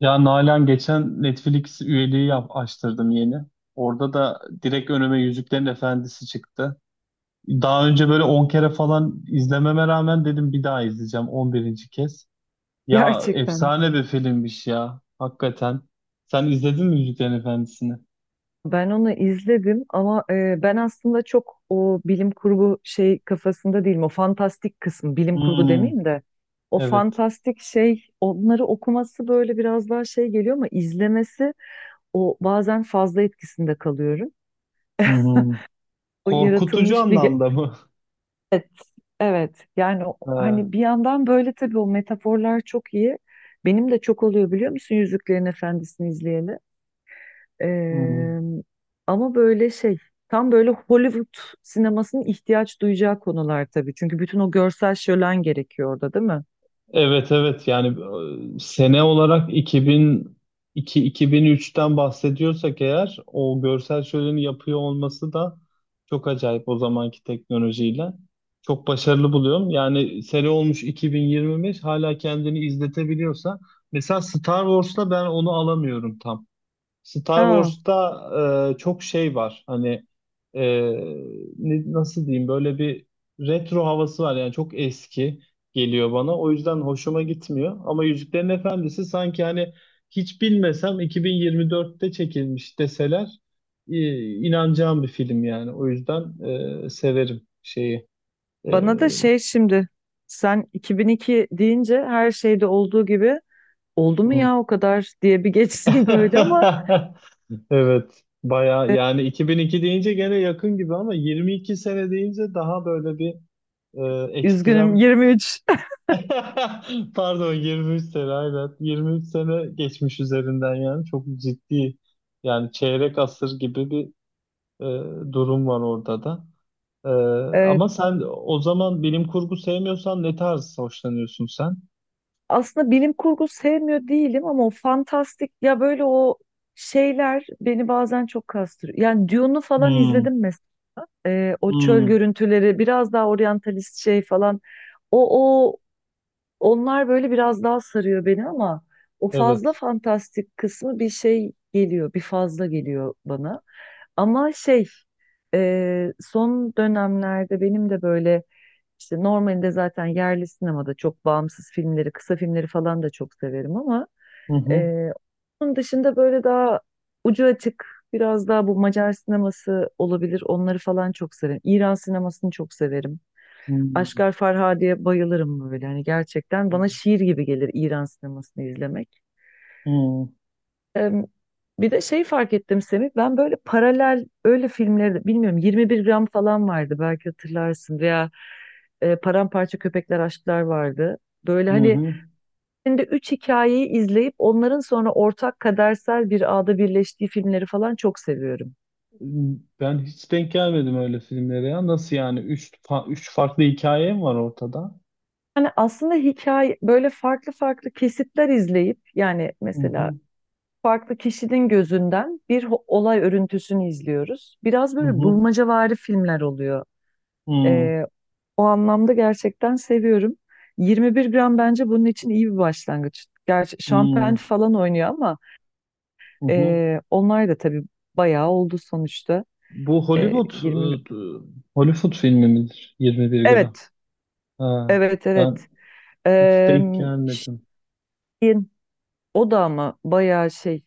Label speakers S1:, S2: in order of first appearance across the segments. S1: Ya Nalan, geçen Netflix üyeliği açtırdım yeni. Orada da direkt önüme Yüzüklerin Efendisi çıktı. Daha önce böyle 10 kere falan izlememe rağmen dedim bir daha izleyeceğim, 11'inci kez. Ya
S2: Gerçekten.
S1: efsane bir filmmiş ya, hakikaten. Sen izledin mi Yüzüklerin Efendisi'ni?
S2: Ben onu izledim ama ben aslında çok o bilim kurgu şey kafasında değilim. O fantastik kısım, bilim kurgu
S1: Hmm,
S2: demeyeyim de o
S1: evet.
S2: fantastik şey onları okuması böyle biraz daha şey geliyor ama izlemesi o bazen fazla etkisinde kalıyorum.
S1: Hı hı.
S2: O
S1: Korkutucu
S2: yaratılmış bir ge-
S1: anlamda mı?
S2: Evet, evet. Yani
S1: Ha,
S2: hani bir yandan böyle tabii o metaforlar çok iyi. Benim de çok oluyor biliyor musun Yüzüklerin Efendisi'ni izleyeli?
S1: hı hı.
S2: Eee, ama böyle şey tam böyle Hollywood sinemasının ihtiyaç duyacağı konular tabii. Çünkü bütün o görsel şölen gerekiyor orada değil mi?
S1: Evet evet yani, sene olarak 2002-2003'ten bahsediyorsak eğer, o görsel şöleni yapıyor olması da çok acayip o zamanki teknolojiyle. Çok başarılı buluyorum. Yani sene olmuş 2025, hala kendini izletebiliyorsa. Mesela Star Wars'ta ben onu alamıyorum tam. Star
S2: Aa,
S1: Wars'ta çok şey var. Hani, e, nasıl diyeyim, böyle bir retro havası var. Yani çok eski geliyor bana. O yüzden hoşuma gitmiyor. Ama Yüzüklerin Efendisi sanki hani hiç bilmesem 2024'te çekilmiş deseler e, inanacağım bir film yani. O yüzden severim şeyi. E,
S2: bana da şey şimdi sen 2002 deyince her şeyde olduğu gibi oldu mu
S1: hmm.
S2: ya o kadar diye bir geçtim böyle ama
S1: Evet. Baya,
S2: e,
S1: yani 2002 deyince gene yakın gibi ama 22 sene deyince daha böyle bir
S2: üzgünüm
S1: ekstrem.
S2: 23.
S1: Pardon, 23 sene, aynen 23 sene geçmiş üzerinden, yani çok ciddi, yani çeyrek asır gibi bir e, durum var orada da. Ee,
S2: Eee,
S1: Ama sen o zaman bilim kurgu sevmiyorsan ne tarz hoşlanıyorsun sen?
S2: aslında bilim kurgu sevmiyor değilim ama o fantastik ya böyle o şeyler beni bazen çok kastırıyor. Yani Dune'u falan
S1: Hmm,
S2: izledim, o çöl
S1: hmm,
S2: görüntüleri biraz daha oryantalist şey falan. O o Onlar böyle biraz daha sarıyor beni ama o fazla
S1: evet.
S2: fantastik kısmı bir şey geliyor, bir fazla geliyor bana. Ama şey, son dönemlerde benim de böyle, işte normalde zaten yerli sinemada çok bağımsız filmleri kısa filmleri falan da çok severim ama
S1: Hı hı,
S2: ee, onun dışında böyle daha ucu açık, biraz daha bu Macar sineması olabilir. Onları falan çok severim. İran sinemasını çok severim.
S1: hı
S2: Aşgar Farhadi'ye bayılırım böyle. Hani gerçekten bana şiir gibi gelir İran sinemasını izlemek.
S1: hı,
S2: Ee, bir de şey fark ettim Semih. Ben böyle paralel öyle bilmiyorum 21 gram falan vardı belki hatırlarsın veya Paramparça Köpekler Aşklar vardı. Böyle
S1: hı hı.
S2: hani
S1: Hı.
S2: şimdi üç hikayeyi izleyip onların sonra ortak kadersel bir ağda birleştiği filmleri falan çok seviyorum.
S1: Ben hiç denk gelmedim öyle filmlere ya. Nasıl yani? Üç farklı hikaye mi var ortada?
S2: Yani aslında hikaye böyle farklı farklı kesitler izleyip, yani
S1: Hı
S2: mesela
S1: hı,
S2: farklı kişinin gözünden bir olay örüntüsünü izliyoruz. Biraz
S1: hı
S2: böyle
S1: hı.
S2: bulmacavari filmler oluyor.
S1: Hmm,
S2: Ee, o anlamda gerçekten seviyorum. 21 gram bence bunun için iyi bir başlangıç. Gerçi Şampen
S1: hmm,
S2: falan oynuyor ama
S1: hı hı.
S2: onlar da tabii bayağı oldu sonuçta.
S1: Bu
S2: E, 20
S1: E, Hollywood filmi midir? 21 gram.
S2: Evet.
S1: Ha,
S2: Evet,
S1: ben
S2: evet.
S1: hiç
S2: Eee,
S1: denk gelmedim.
S2: şeyin, o da ama bayağı şey,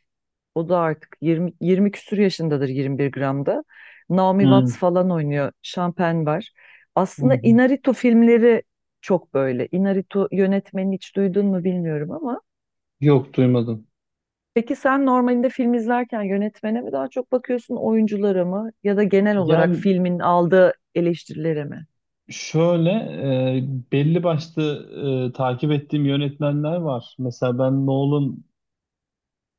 S2: o da artık 20, 20 küsur yaşındadır 21 gramda. Naomi Watts
S1: Hmm,
S2: falan oynuyor. Şampen var.
S1: hı
S2: Aslında
S1: hı.
S2: Inarritu filmleri çok böyle. Inarritu yönetmeni hiç duydun mu bilmiyorum ama.
S1: Yok, duymadım.
S2: Peki sen normalinde film izlerken yönetmene mi daha çok bakıyorsun, oyunculara mı, ya da genel olarak
S1: Yani
S2: filmin aldığı eleştirilere mi?
S1: şöyle, belli başlı takip ettiğim yönetmenler var. Mesela ben Nolan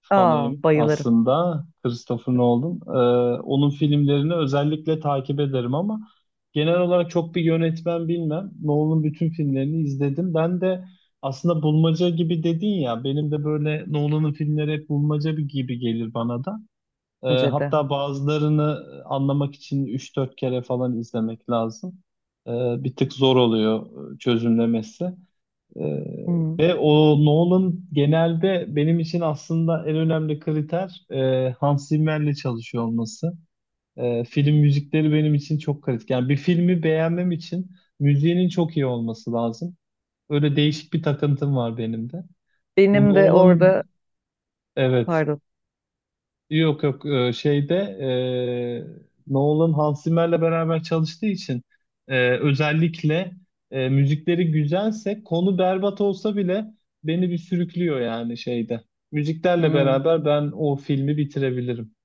S2: Aa
S1: fanıyım
S2: bayılırım,
S1: aslında, Christopher Nolan. Onun filmlerini özellikle takip ederim ama genel olarak çok bir yönetmen bilmem. Nolan'ın bütün filmlerini izledim. Ben de aslında bulmaca gibi dedin ya, benim de böyle Nolan'ın filmleri hep bulmaca gibi gelir bana da.
S2: bence de.
S1: Hatta bazılarını anlamak için üç dört kere falan izlemek lazım. Ee, Bir tık zor oluyor çözümlemesi. Ee,
S2: Hmm.
S1: Ve o Nolan genelde benim için aslında en önemli kriter, Hans Zimmer'le çalışıyor olması. Film müzikleri benim için çok kritik. Yani bir filmi beğenmem için müziğinin çok iyi olması lazım. Öyle değişik bir takıntım var benim de. Bu
S2: Benim de
S1: Nolan,
S2: orada
S1: evet.
S2: pardon.
S1: Yok yok, şeyde, Nolan Hans Zimmer'le beraber çalıştığı için özellikle müzikleri güzelse konu berbat olsa bile beni bir sürüklüyor yani şeyde. Müziklerle
S2: Hmm.
S1: beraber ben o filmi bitirebilirim.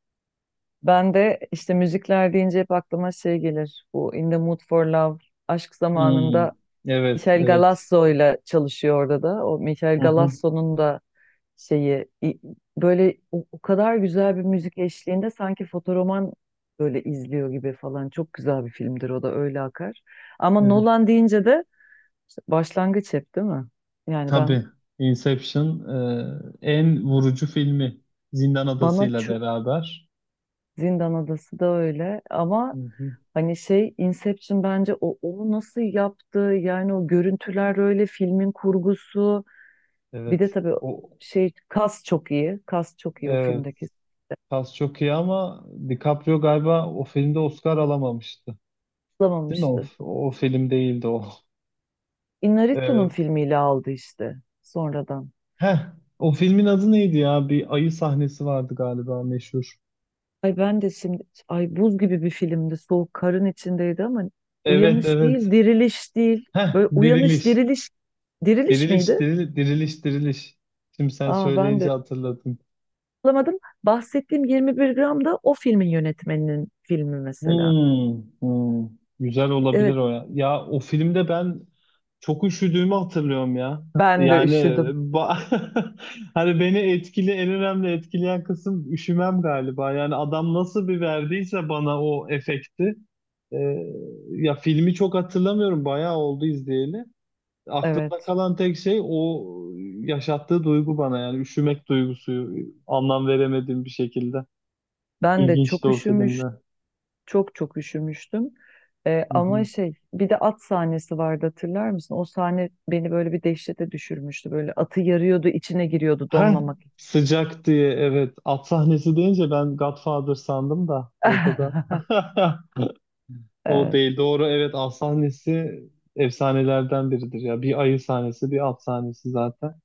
S2: Ben de işte müzikler deyince hep aklıma şey gelir. Bu In the Mood for Love, aşk
S1: Hmm.
S2: zamanında,
S1: Evet
S2: Michel
S1: evet.
S2: Galasso ile çalışıyor orada da. O Michel
S1: Hı hı.
S2: Galasso'nun da şeyi i- böyle o, o kadar güzel bir müzik eşliğinde sanki fotoroman böyle izliyor gibi falan. Çok güzel bir filmdir o da, öyle akar. Ama
S1: Evet,
S2: Nolan deyince de işte başlangıç, hep değil mi? Yani ben
S1: tabii Inception en vurucu filmi, Zindan
S2: bana
S1: Adası'yla
S2: ço-
S1: beraber.
S2: Zindan Adası da öyle ama
S1: Hı hı.
S2: hani şey, Inception bence o, onu nasıl yaptı yani, o görüntüler öyle, filmin kurgusu, bir de
S1: Evet.
S2: tabii
S1: O,
S2: şey, kas çok iyi, kas çok iyi o
S1: evet.
S2: filmdeki.
S1: Kas çok iyi ama DiCaprio galiba o filmde Oscar alamamıştı. Değil mi? O,
S2: Tutulamamıştı.
S1: o film değildi o.
S2: Inarritu'nun
S1: Ee,
S2: filmiyle aldı işte sonradan.
S1: Heh, o filmin adı neydi ya? Bir ayı sahnesi vardı galiba, meşhur.
S2: Ay ben de şimdi, ay buz gibi bir filmdi, soğuk karın içindeydi ama,
S1: Evet
S2: uyanış değil,
S1: evet.
S2: diriliş değil,
S1: Heh,
S2: böyle uyanış
S1: diriliş.
S2: diriliş, diriliş
S1: Diriliş,
S2: miydi?
S1: diriliş, diriliş. Şimdi sen
S2: Aa ben de
S1: söyleyince hatırladım.
S2: alamadım. Bahsettiğim 21 gram da o filmin yönetmeninin filmi mesela.
S1: Hmm, hmm. Güzel olabilir
S2: Evet,
S1: o ya. Ya o filmde ben çok üşüdüğümü hatırlıyorum ya.
S2: ben de
S1: Yani
S2: üşüdüm.
S1: ba- Hani beni en önemli etkileyen kısım üşümem galiba. Yani adam nasıl bir verdiyse bana o efekti. Ee, Ya filmi çok hatırlamıyorum. Bayağı oldu izleyeli. Aklımda
S2: Evet,
S1: kalan tek şey o yaşattığı duygu bana, yani üşümek duygusu, anlam veremediğim bir şekilde.
S2: ben de
S1: İlginçti
S2: çok
S1: o filmde.
S2: üşümüş, çok çok üşümüştüm.
S1: Hı
S2: Ama
S1: hı.
S2: şey, bir de at sahnesi vardı hatırlar mısın? O sahne beni böyle bir dehşete düşürmüştü. Böyle atı yarıyordu, içine giriyordu
S1: Ha,
S2: donmamak için.
S1: sıcak diye, evet, at sahnesi deyince ben Godfather sandım da orada da. O
S2: Evet,
S1: değil, doğru, evet, at sahnesi efsanelerden biridir ya, bir ayı sahnesi bir at sahnesi zaten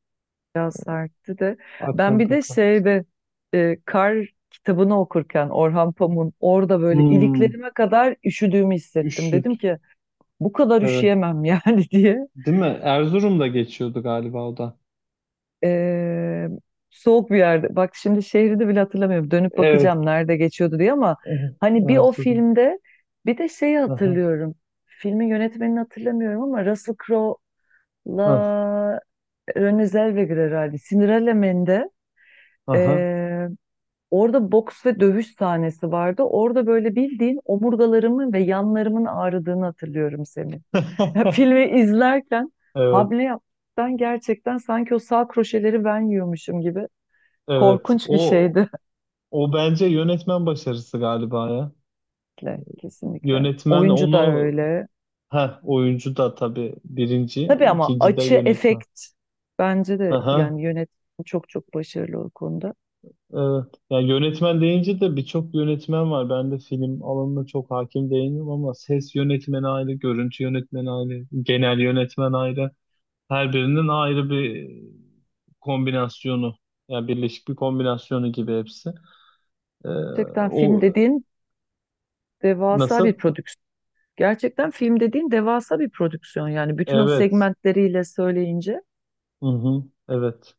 S2: biraz sertti de. Ben bir
S1: akılda
S2: de
S1: kal.
S2: şeyde kar kitabını okurken Orhan Pamuk'un, orada böyle
S1: Hmm.
S2: iliklerime kadar üşüdüğümü hissettim.
S1: Üşüt,
S2: Dedim ki bu kadar
S1: evet,
S2: üşüyemem yani diye.
S1: değil mi? Erzurum'da geçiyordu galiba o da.
S2: Ee, soğuk bir yerde. Bak şimdi şehri de bile hatırlamıyorum. Dönüp
S1: Evet.
S2: bakacağım nerede geçiyordu diye ama
S1: Aha,
S2: hani bir o
S1: Erzurum.
S2: filmde bir de şeyi
S1: Aha.
S2: hatırlıyorum. Filmin yönetmenini hatırlamıyorum ama Russell Crowe'la
S1: Ah,
S2: Renée Zellweger herhalde. Cinderella Man'de
S1: aha.
S2: ee, orada boks ve dövüş sahnesi vardı. Orada böyle bildiğin omurgalarımın ve yanlarımın ağrıdığını hatırlıyorum Semih. Ya filmi izlerken
S1: Evet
S2: hamle yaptıktan gerçekten sanki o sağ kroşeleri ben yiyormuşum gibi,
S1: evet.
S2: korkunç bir
S1: o
S2: şeydi.
S1: o bence yönetmen başarısı galiba ya.
S2: Kesinlikle, kesinlikle.
S1: Yönetmen
S2: Oyuncu da
S1: onu
S2: öyle.
S1: Ha, oyuncu da tabii birinci,
S2: Tabii ama
S1: ikinci de
S2: açı,
S1: yönetmen.
S2: efekt, bence de
S1: Aha,
S2: yani yönetmen çok çok başarılı o konuda.
S1: evet. Ya yönetmen deyince de birçok yönetmen var. Ben de film alanına çok hakim değilim ama ses yönetmeni ayrı, görüntü yönetmeni ayrı, genel yönetmen ayrı. Her birinin ayrı bir kombinasyonu, yani birleşik bir kombinasyonu gibi hepsi. Ee,
S2: Gerçekten film
S1: O
S2: dediğin devasa
S1: nasıl?
S2: bir prodüksiyon. Gerçekten film dediğin devasa bir prodüksiyon yani bütün o
S1: Evet.
S2: segmentleriyle söyleyince.
S1: Hı hı, evet.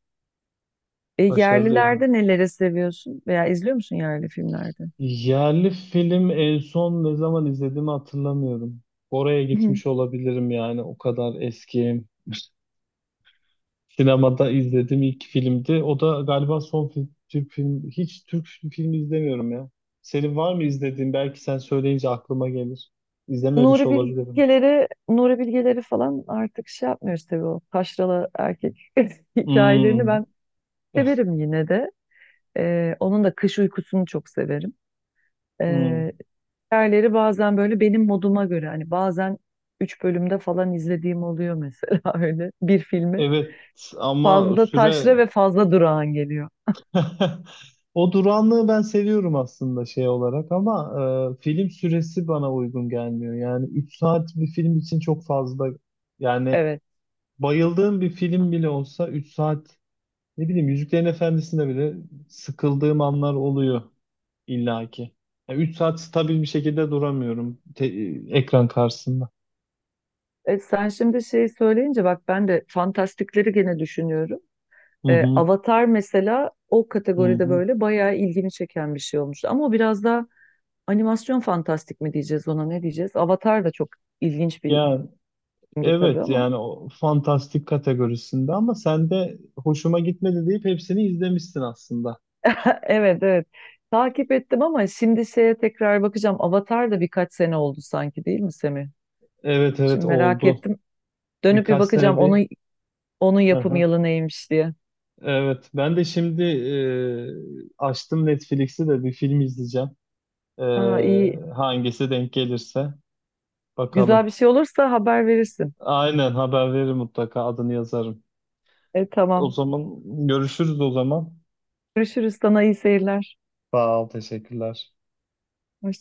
S2: E,
S1: Başarılı ya.
S2: yerlilerde neleri seviyorsun veya izliyor musun yerli filmlerde?
S1: Yerli film en son ne zaman izlediğimi hatırlamıyorum. Oraya gitmiş olabilirim yani, o kadar eski. Sinemada izlediğim ilk filmdi. O da galiba son film, Türk film. Hiç Türk filmi izlemiyorum ya. Senin var mı izlediğin? Belki sen söyleyince aklıma gelir. İzlememiş
S2: Nuri
S1: olabilirim.
S2: Bilgeleri, Nuri Bilgeleri falan artık şey yapmıyoruz tabii o taşralı erkek hikayelerini
S1: Hmm.
S2: ben severim yine de. Onun da kış uykusunu çok severim.
S1: Hmm.
S2: Ee, hikayeleri bazen böyle benim moduma göre, hani bazen 3 bölümde falan izlediğim oluyor mesela öyle bir filmi.
S1: Evet, ama
S2: Fazla taşra
S1: süre.
S2: ve fazla durağan geliyor.
S1: O duranlığı ben seviyorum aslında şey olarak ama film süresi bana uygun gelmiyor. Yani 3 saat bir film için çok fazla. Yani
S2: Evet.
S1: bayıldığım bir film bile olsa 3 saat, ne bileyim, Yüzüklerin Efendisi'nde bile sıkıldığım anlar oluyor illaki. Yani 3 saat stabil bir şekilde duramıyorum ekran karşısında.
S2: E, sen şimdi şeyi söyleyince bak ben de fantastikleri gene düşünüyorum.
S1: Hı
S2: E,
S1: hı,
S2: Avatar mesela o
S1: hı
S2: kategoride
S1: hı.
S2: böyle bayağı ilgimi çeken bir şey olmuştu. Ama o biraz da animasyon fantastik mi diyeceğiz, ona ne diyeceğiz? Avatar da çok ilginç bir
S1: Ya
S2: filmdi tabii
S1: evet,
S2: ama.
S1: yani o fantastik kategorisinde ama sen de hoşuma gitmedi deyip hepsini izlemişsin aslında.
S2: Evet, evet takip ettim ama şimdi şeye tekrar bakacağım. Avatar da birkaç sene oldu sanki değil mi Semih?
S1: Evet
S2: Şimdi
S1: evet,
S2: merak
S1: oldu.
S2: ettim. Dönüp bir
S1: Birkaç sene
S2: bakacağım
S1: değil.
S2: onun yapım
S1: Aha.
S2: yılı neymiş diye.
S1: Evet, ben de şimdi açtım Netflix'i de bir film izleyeceğim. E,
S2: Aa, iyi.
S1: Hangisi denk gelirse
S2: Güzel
S1: bakalım.
S2: bir şey olursa haber verirsin.
S1: Aynen, haber veririm mutlaka, adını yazarım.
S2: E,
S1: O
S2: tamam.
S1: zaman görüşürüz o zaman.
S2: Görüşürüz, sana iyi seyirler.
S1: Sağ ol, teşekkürler.
S2: Hoşça